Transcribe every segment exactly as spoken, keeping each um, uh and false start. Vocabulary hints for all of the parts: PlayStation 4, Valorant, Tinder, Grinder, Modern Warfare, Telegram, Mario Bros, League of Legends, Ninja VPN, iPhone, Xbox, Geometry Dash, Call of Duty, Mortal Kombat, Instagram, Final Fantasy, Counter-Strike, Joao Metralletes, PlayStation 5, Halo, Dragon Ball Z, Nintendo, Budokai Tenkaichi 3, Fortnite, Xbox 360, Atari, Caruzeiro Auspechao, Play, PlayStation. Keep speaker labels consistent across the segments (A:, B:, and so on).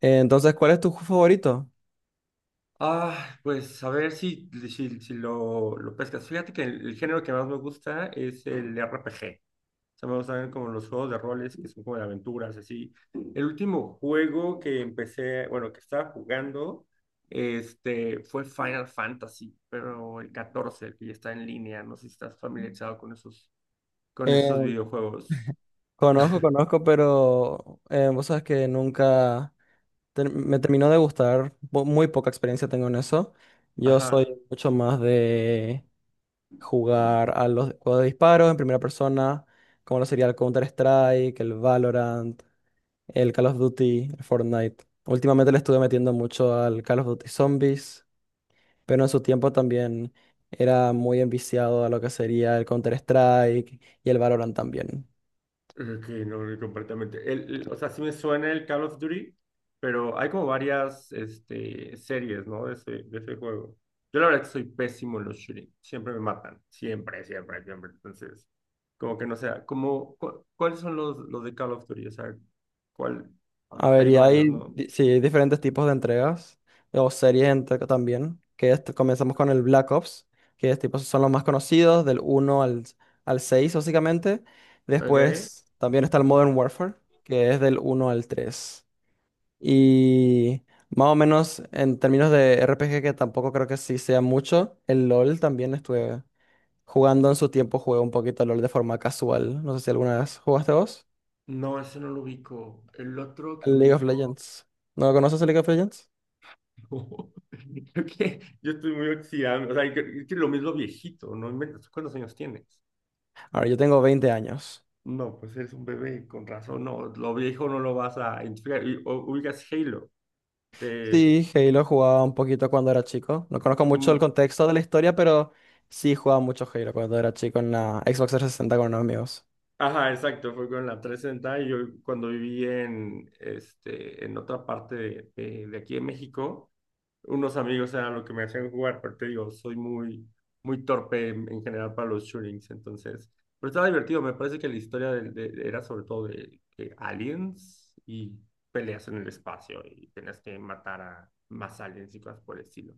A: Eh, Entonces, ¿cuál es tu juego favorito?
B: Ah, pues a ver si, si, si lo, lo pescas. Fíjate que el, el género que más me gusta es el R P G. O sea, me gustan como los juegos de roles que son como de aventuras, así. El último juego que empecé, bueno, que estaba jugando, este, fue Final Fantasy, pero el catorce, el que ya está en línea. No sé si estás familiarizado con esos, con esos
A: Eh,
B: videojuegos.
A: conozco, conozco, pero eh, vos sabes que nunca ter- me terminó de gustar. po- Muy poca experiencia tengo en eso. Yo soy
B: Ajá.
A: mucho más de jugar a los juegos de disparos en primera persona, como lo sería el Counter-Strike, el Valorant, el Call of Duty, el Fortnite. Últimamente le estuve metiendo mucho al Call of Duty Zombies. Pero en su tiempo también era muy enviciado a lo que sería el Counter-Strike y el Valorant también.
B: Eh, Que no, no, completamente. El, el- o sea, sí me suena el Call of Duty, pero hay como varias este, series, ¿no? De ese, de ese juego. Yo la verdad que soy pésimo en los shooting. Siempre me matan. Siempre, siempre, siempre. Entonces, como que no sé, como, cu- ¿cuáles son los, los de Call of Duty? O sea, ¿cuál?
A: A ver,
B: Hay
A: y
B: varios,
A: hay,
B: ¿no?
A: di- sí, hay diferentes tipos de entregas o series entre- también, que es- comenzamos con el Black Ops, que es tipo, son los más conocidos, del uno al, al seis básicamente.
B: Ok.
A: Después también está el Modern Warfare, que es del uno al tres. Y más o menos en términos de R P G, que tampoco creo que sí sea mucho, el LOL también estuve jugando en su tiempo, jugué un poquito al LOL de forma casual. ¿No sé si alguna vez jugaste vos?
B: No, ese no lo ubico. El otro que
A: El League of
B: ubico.
A: Legends. ¿No conoces el League of Legends?
B: Creo que yo estoy muy oxidado. O sea, que- es que lo mismo viejito, ¿no? Inventes. ¿Cuántos años tienes?
A: Ahora, yo tengo veinte años.
B: No, pues eres un bebé, con razón, no, lo viejo no lo vas a identificar. Y, o- Ubicas Halo, de...
A: Sí, Halo jugaba un poquito cuando era chico. No conozco mucho el
B: Mm.
A: contexto de la historia, pero sí jugaba mucho Halo cuando era chico en la Xbox trescientos sesenta con unos amigos.
B: Ajá, exacto, fue con la trescientos sesenta y yo cuando viví en, este, en otra parte de, de- de aquí de México, unos amigos eran lo que me hacían jugar, pero te digo, soy muy, muy torpe en, en general para los shootings, entonces, pero estaba divertido, me parece que la historia del- de- era sobre todo de, de aliens y peleas en el espacio y tenías que matar a más aliens y cosas por el estilo.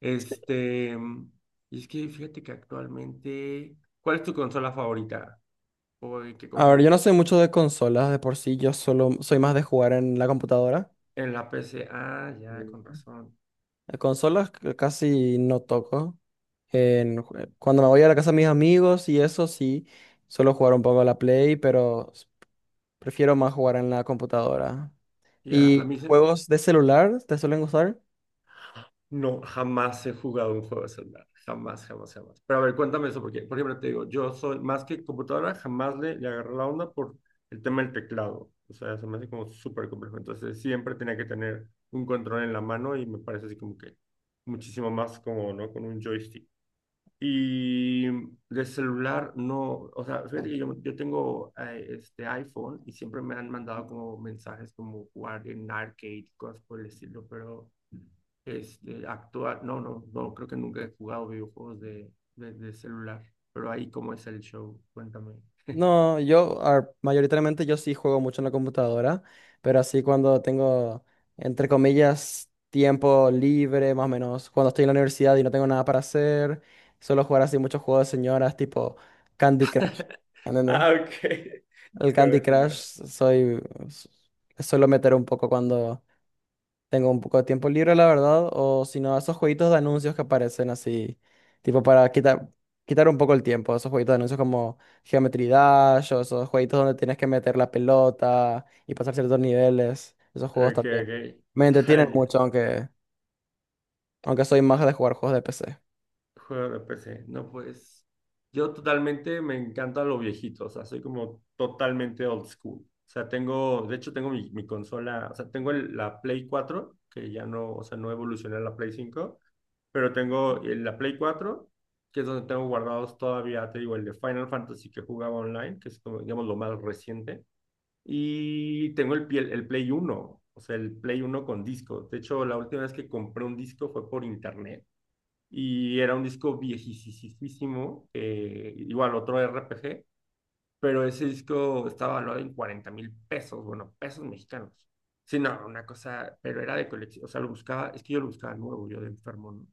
B: Este, mm, y es que fíjate que actualmente, ¿cuál es tu consola favorita? ¿O en qué
A: A ver,
B: consola?
A: yo no soy mucho de consolas, de por sí yo solo soy más de jugar en la computadora.
B: En la P C. Ah, ya, con razón.
A: Eh, Consolas c- casi no toco. En jue- cuando me voy a la casa de mis amigos y eso sí, suelo jugar un poco a la Play, pero s- prefiero más jugar en la computadora.
B: Ya, a
A: ¿Y
B: mí se-
A: juegos de celular te suelen gustar?
B: no, jamás he jugado un juego de celular. Jamás, jamás, jamás. Pero a ver, cuéntame eso, porque, por ejemplo, te digo, yo soy más que computadora, jamás le, le agarré la onda por el tema del teclado. O sea, se me hace como súper complejo. Entonces, siempre tenía que tener un control en la mano y me parece así como que muchísimo más como, ¿no? Con un joystick. Y de celular no, o sea, fíjate que yo, yo tengo eh, este iPhone y siempre me han mandado como mensajes como jugar en arcade, cosas por el estilo, pero este, actual, no, no, no, creo que nunca he jugado videojuegos de, de, de celular, pero ahí cómo es el show, cuéntame.
A: No, yo ah, mayoritariamente yo sí juego mucho en la computadora, pero así cuando tengo, entre comillas, tiempo libre, más o menos, cuando estoy en la universidad y no tengo nada para hacer, suelo jugar así muchos juegos de señoras tipo Candy Crush. ¿Entendés?
B: Ah, ok.
A: El Candy
B: Juego, señora.
A: Crush soy, s- Suelo meter un poco cuando tengo un poco de tiempo libre, la verdad, o si no, esos jueguitos de anuncios que aparecen así, tipo para quitar, quitar un poco el tiempo, esos jueguitos de anuncios como Geometry Dash, o esos jueguitos donde tienes que meter la pelota y pasar ciertos niveles, esos juegos
B: Ok,
A: también.
B: ok.
A: Me
B: Ah,
A: entretienen
B: ya.
A: mucho, aunque, aunque soy más de jugar juegos de P C.
B: Juego de P C. No, pues yo totalmente me encanta lo viejito, o sea, soy como totalmente old school. O sea, tengo, de hecho tengo mi, mi consola, o sea, tengo el- la Play cuatro que ya no, o sea, no evolucioné a la Play cinco, pero tengo el- la Play cuatro que es donde tengo guardados todavía, te digo, el de Final Fantasy que jugaba online, que es como, digamos, lo más reciente. Y tengo el, piel- el Play uno, o sea, el Play uno con disco. De hecho, la última vez que compré un disco fue por internet y era un disco viejísimo, eh, igual otro R P G, pero ese disco estaba valuado en cuarenta mil pesos, bueno, pesos mexicanos. Sí, no, una cosa, pero era de colección, o sea, lo buscaba, es que yo lo buscaba nuevo, yo de enfermo, ¿no?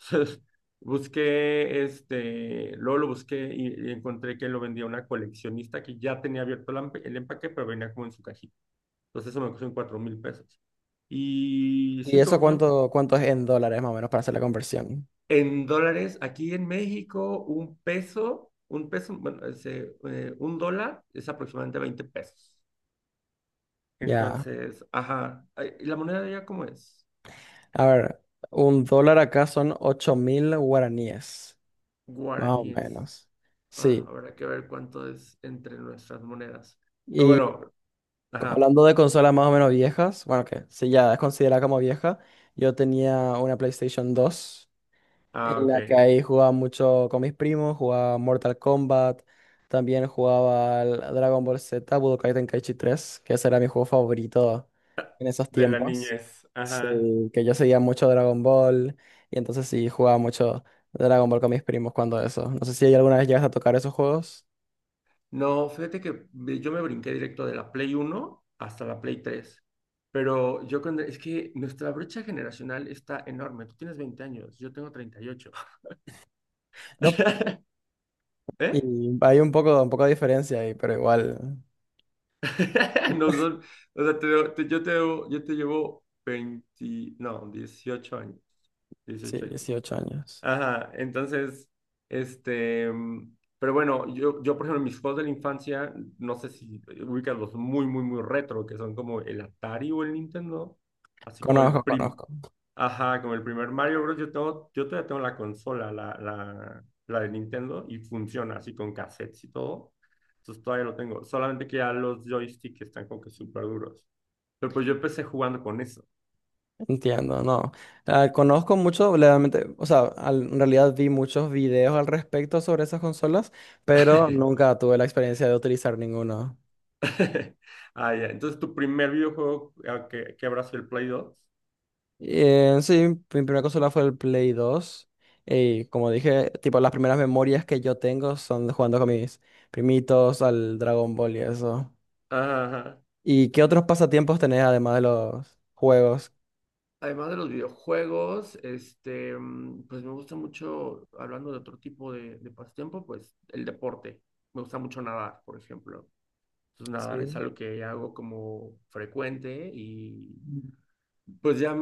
B: Entonces, busqué, este, luego lo busqué y, y encontré que lo vendía una coleccionista que ya tenía abierto el, el empaque, pero venía como en su cajita. Entonces eso me costó en cuatro mil pesos. Y
A: ¿Y
B: sí,
A: eso
B: como que yo,
A: cuánto, cuánto es en dólares más o menos para hacer la conversión?
B: en dólares, aquí en México, un peso, un peso, bueno, ese, eh, un dólar es aproximadamente veinte pesos.
A: Ya.
B: Entonces, ajá, ay, ¿y la moneda de allá cómo es?
A: A ver, un dólar acá son ocho mil guaraníes, más o
B: Guaraníes.
A: menos.
B: Ah,
A: Sí,
B: habrá que ver cuánto es entre nuestras monedas. Pero
A: y
B: bueno, ajá,
A: hablando de consolas más o menos viejas, bueno, que si ya es considerada como vieja, yo tenía una PlayStation dos
B: ah,
A: en
B: ok,
A: la que ahí jugaba mucho con mis primos, jugaba Mortal Kombat, también jugaba al Dragon Ball Z, Budokai Tenkaichi tres, que ese era mi juego favorito en esos
B: de la
A: tiempos.
B: niñez. Ajá.
A: Sí, que yo seguía mucho Dragon Ball y entonces sí jugaba mucho Dragon Ball con mis primos cuando eso. No sé si alguna vez llegas a tocar esos juegos.
B: No, fíjate que ve- yo me brinqué directo de la Play uno hasta la Play tres. Pero yo cuando, es que nuestra brecha generacional está enorme. Tú tienes veinte años, yo tengo treinta y ocho.
A: No,
B: ¿Eh?
A: y hay un poco, un poco de diferencia ahí, pero igual,
B: Nos don- o sea, te- debo- te- yo, te, debo- yo te llevo veinte, no, dieciocho años.
A: sí,
B: dieciocho años.
A: dieciocho años.
B: Ajá, entonces, este, mm, pero bueno, yo, yo por ejemplo, mis juegos de la infancia, no sé si ubicas los muy, muy, muy retro, que son como el Atari o el Nintendo, así como el
A: Conozco,
B: prim,
A: conozco.
B: ajá, como el primer Mario Bros. Yo tengo, yo todavía tengo la consola, la, la, la de Nintendo, y funciona así con cassettes y todo, entonces todavía lo tengo, solamente que ya los joysticks están como que súper duros, pero pues yo empecé jugando con eso.
A: Entiendo, no. Ah, conozco mucho, realmente, o sea, al- en realidad vi muchos videos al respecto sobre esas consolas, pero nunca tuve la experiencia de utilizar ninguna.
B: Ah, ya. Entonces, tu primer videojuego ah, que, que habrá sido el Play dos.
A: Eh, sí, mi primera consola fue el Play dos. Y como dije, tipo, las primeras memorias que yo tengo son de jugando con mis primitos al Dragon Ball y eso.
B: Ajá, ajá.
A: ¿Y qué otros pasatiempos tenés además de los juegos?
B: Además de los videojuegos, este, mm, pues me gusta mucho, hablando de otro tipo de, de pasatiempo, pues el deporte. Me gusta mucho nadar, por ejemplo. Entonces,
A: Sí,
B: nadar es algo que hago como frecuente y, pues ya,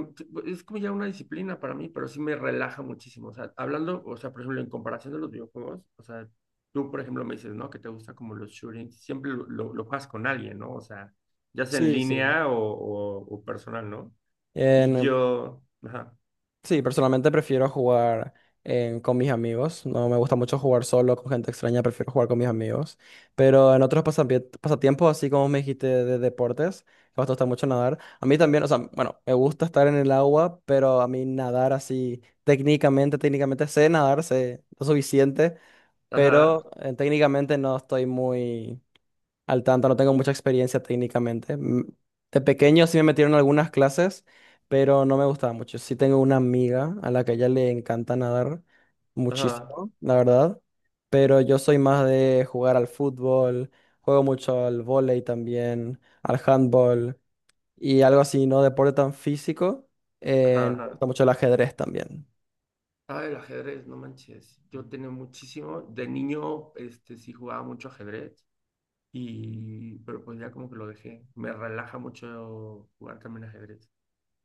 B: es como ya una disciplina para mí, pero sí me relaja muchísimo. O sea, hablando, o sea, por ejemplo, en comparación de los videojuegos, o sea, tú, por ejemplo, me dices, ¿no? Que te gusta como los shootings, siempre lo, lo, lo juegas con alguien, ¿no? O sea, ya sea en
A: sí, sí.
B: línea o, o, o personal, ¿no? Y yo, ajá,
A: Sí, personalmente prefiero jugar en- con mis amigos. No me gusta mucho jugar solo con gente extraña, prefiero jugar con mis amigos. Pero en otros pasapie- pasatiempos, así como me dijiste de deportes, que a vos te gusta mucho nadar. A mí también, o sea, bueno, me gusta estar en el agua, pero a mí nadar así técnicamente, técnicamente sé nadar, sé lo suficiente, pero
B: ajá,
A: eh, técnicamente no estoy muy... Al tanto, no tengo mucha experiencia técnicamente. Mm, de pequeño sí me metieron en algunas clases, pero no me gustaba mucho. Sí tengo una amiga a la que a ella le encanta nadar
B: ajá,
A: muchísimo, la verdad. Pero yo soy más de jugar al fútbol, juego mucho al vóley también, al handball y algo así, no deporte tan físico.
B: ajá,
A: Eh, me
B: ajá.
A: gusta mucho el ajedrez también.
B: Ah, el ajedrez, no manches. Yo tenía muchísimo, de niño, este, sí jugaba mucho ajedrez. Y, pero pues ya como que lo dejé. Me relaja mucho jugar también ajedrez.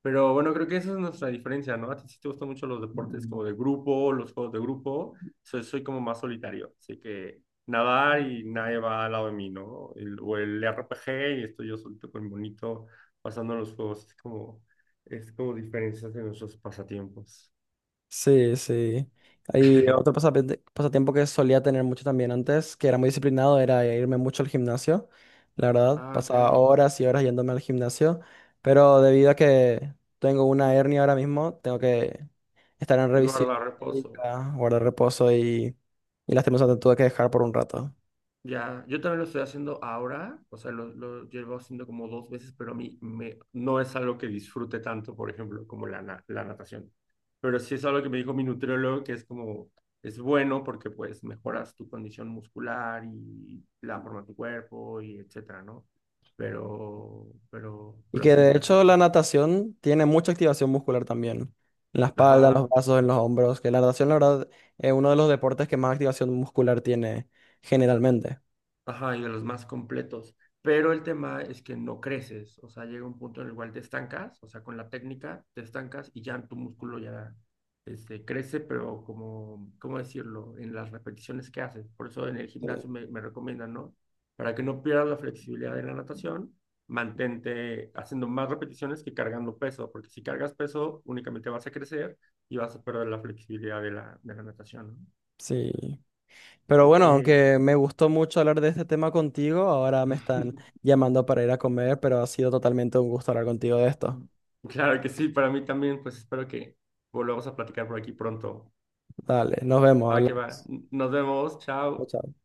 B: Pero bueno, creo que esa es nuestra diferencia, ¿no? A ti sí te gustan mucho los deportes como de grupo, los juegos de grupo. Soy, soy como más solitario, así que nadar y nadie va al lado de mí, ¿no? El- o el R P G y estoy yo solito con mi monito pasando los juegos. Es como, es como diferencias de nuestros pasatiempos.
A: Sí, sí. Y otro pasapente- pasatiempo que solía tener mucho también antes, que era muy disciplinado, era irme mucho al gimnasio. La verdad,
B: Ah, ok.
A: pasaba horas y horas yéndome al gimnasio, pero debido a que tengo una hernia ahora mismo, tengo que estar en revisión
B: Guarda reposo.
A: médica, guardar reposo y, y lastimosamente tuve que dejar por un rato.
B: Ya, yo también lo estoy haciendo ahora, o sea, lo, lo llevo haciendo como dos veces, pero a mí me, no es algo que disfrute tanto, por ejemplo, como la, na- la natación. Pero sí es algo que me dijo mi nutriólogo, que es como, es bueno porque pues mejoras tu condición muscular y la forma de tu cuerpo y etcétera, ¿no? Pero, pero,
A: Y
B: pero
A: que
B: sí,
A: de hecho la
B: prefiero.
A: natación tiene mucha activación muscular también. En la espalda, en los
B: Ajá,
A: brazos, en los hombros. Que la natación, la verdad, es uno de los deportes que más activación muscular tiene generalmente.
B: ajá, y de los más completos. Pero el tema es que no creces, o sea, llega un punto en el cual te estancas, o sea, con la técnica te estancas y ya tu músculo ya este, crece, pero como, ¿cómo decirlo? En las repeticiones que haces. Por eso en el
A: Sí.
B: gimnasio me, me recomiendan, ¿no? Para que no pierdas la flexibilidad de la natación, mantente haciendo más repeticiones que cargando peso, porque si cargas peso únicamente vas a crecer y vas a perder la flexibilidad de la, de la natación, ¿no?
A: Sí. Pero
B: Ok.
A: bueno, aunque me gustó mucho hablar de este tema contigo, ahora me están llamando para ir a comer, pero ha sido totalmente un gusto hablar contigo de esto.
B: Mm. Claro que sí, para mí también, pues espero que volvamos a platicar por aquí pronto.
A: Dale, nos vemos,
B: Ah, que va.
A: hablamos.
B: Nos vemos,
A: Chao,
B: chao.
A: chao.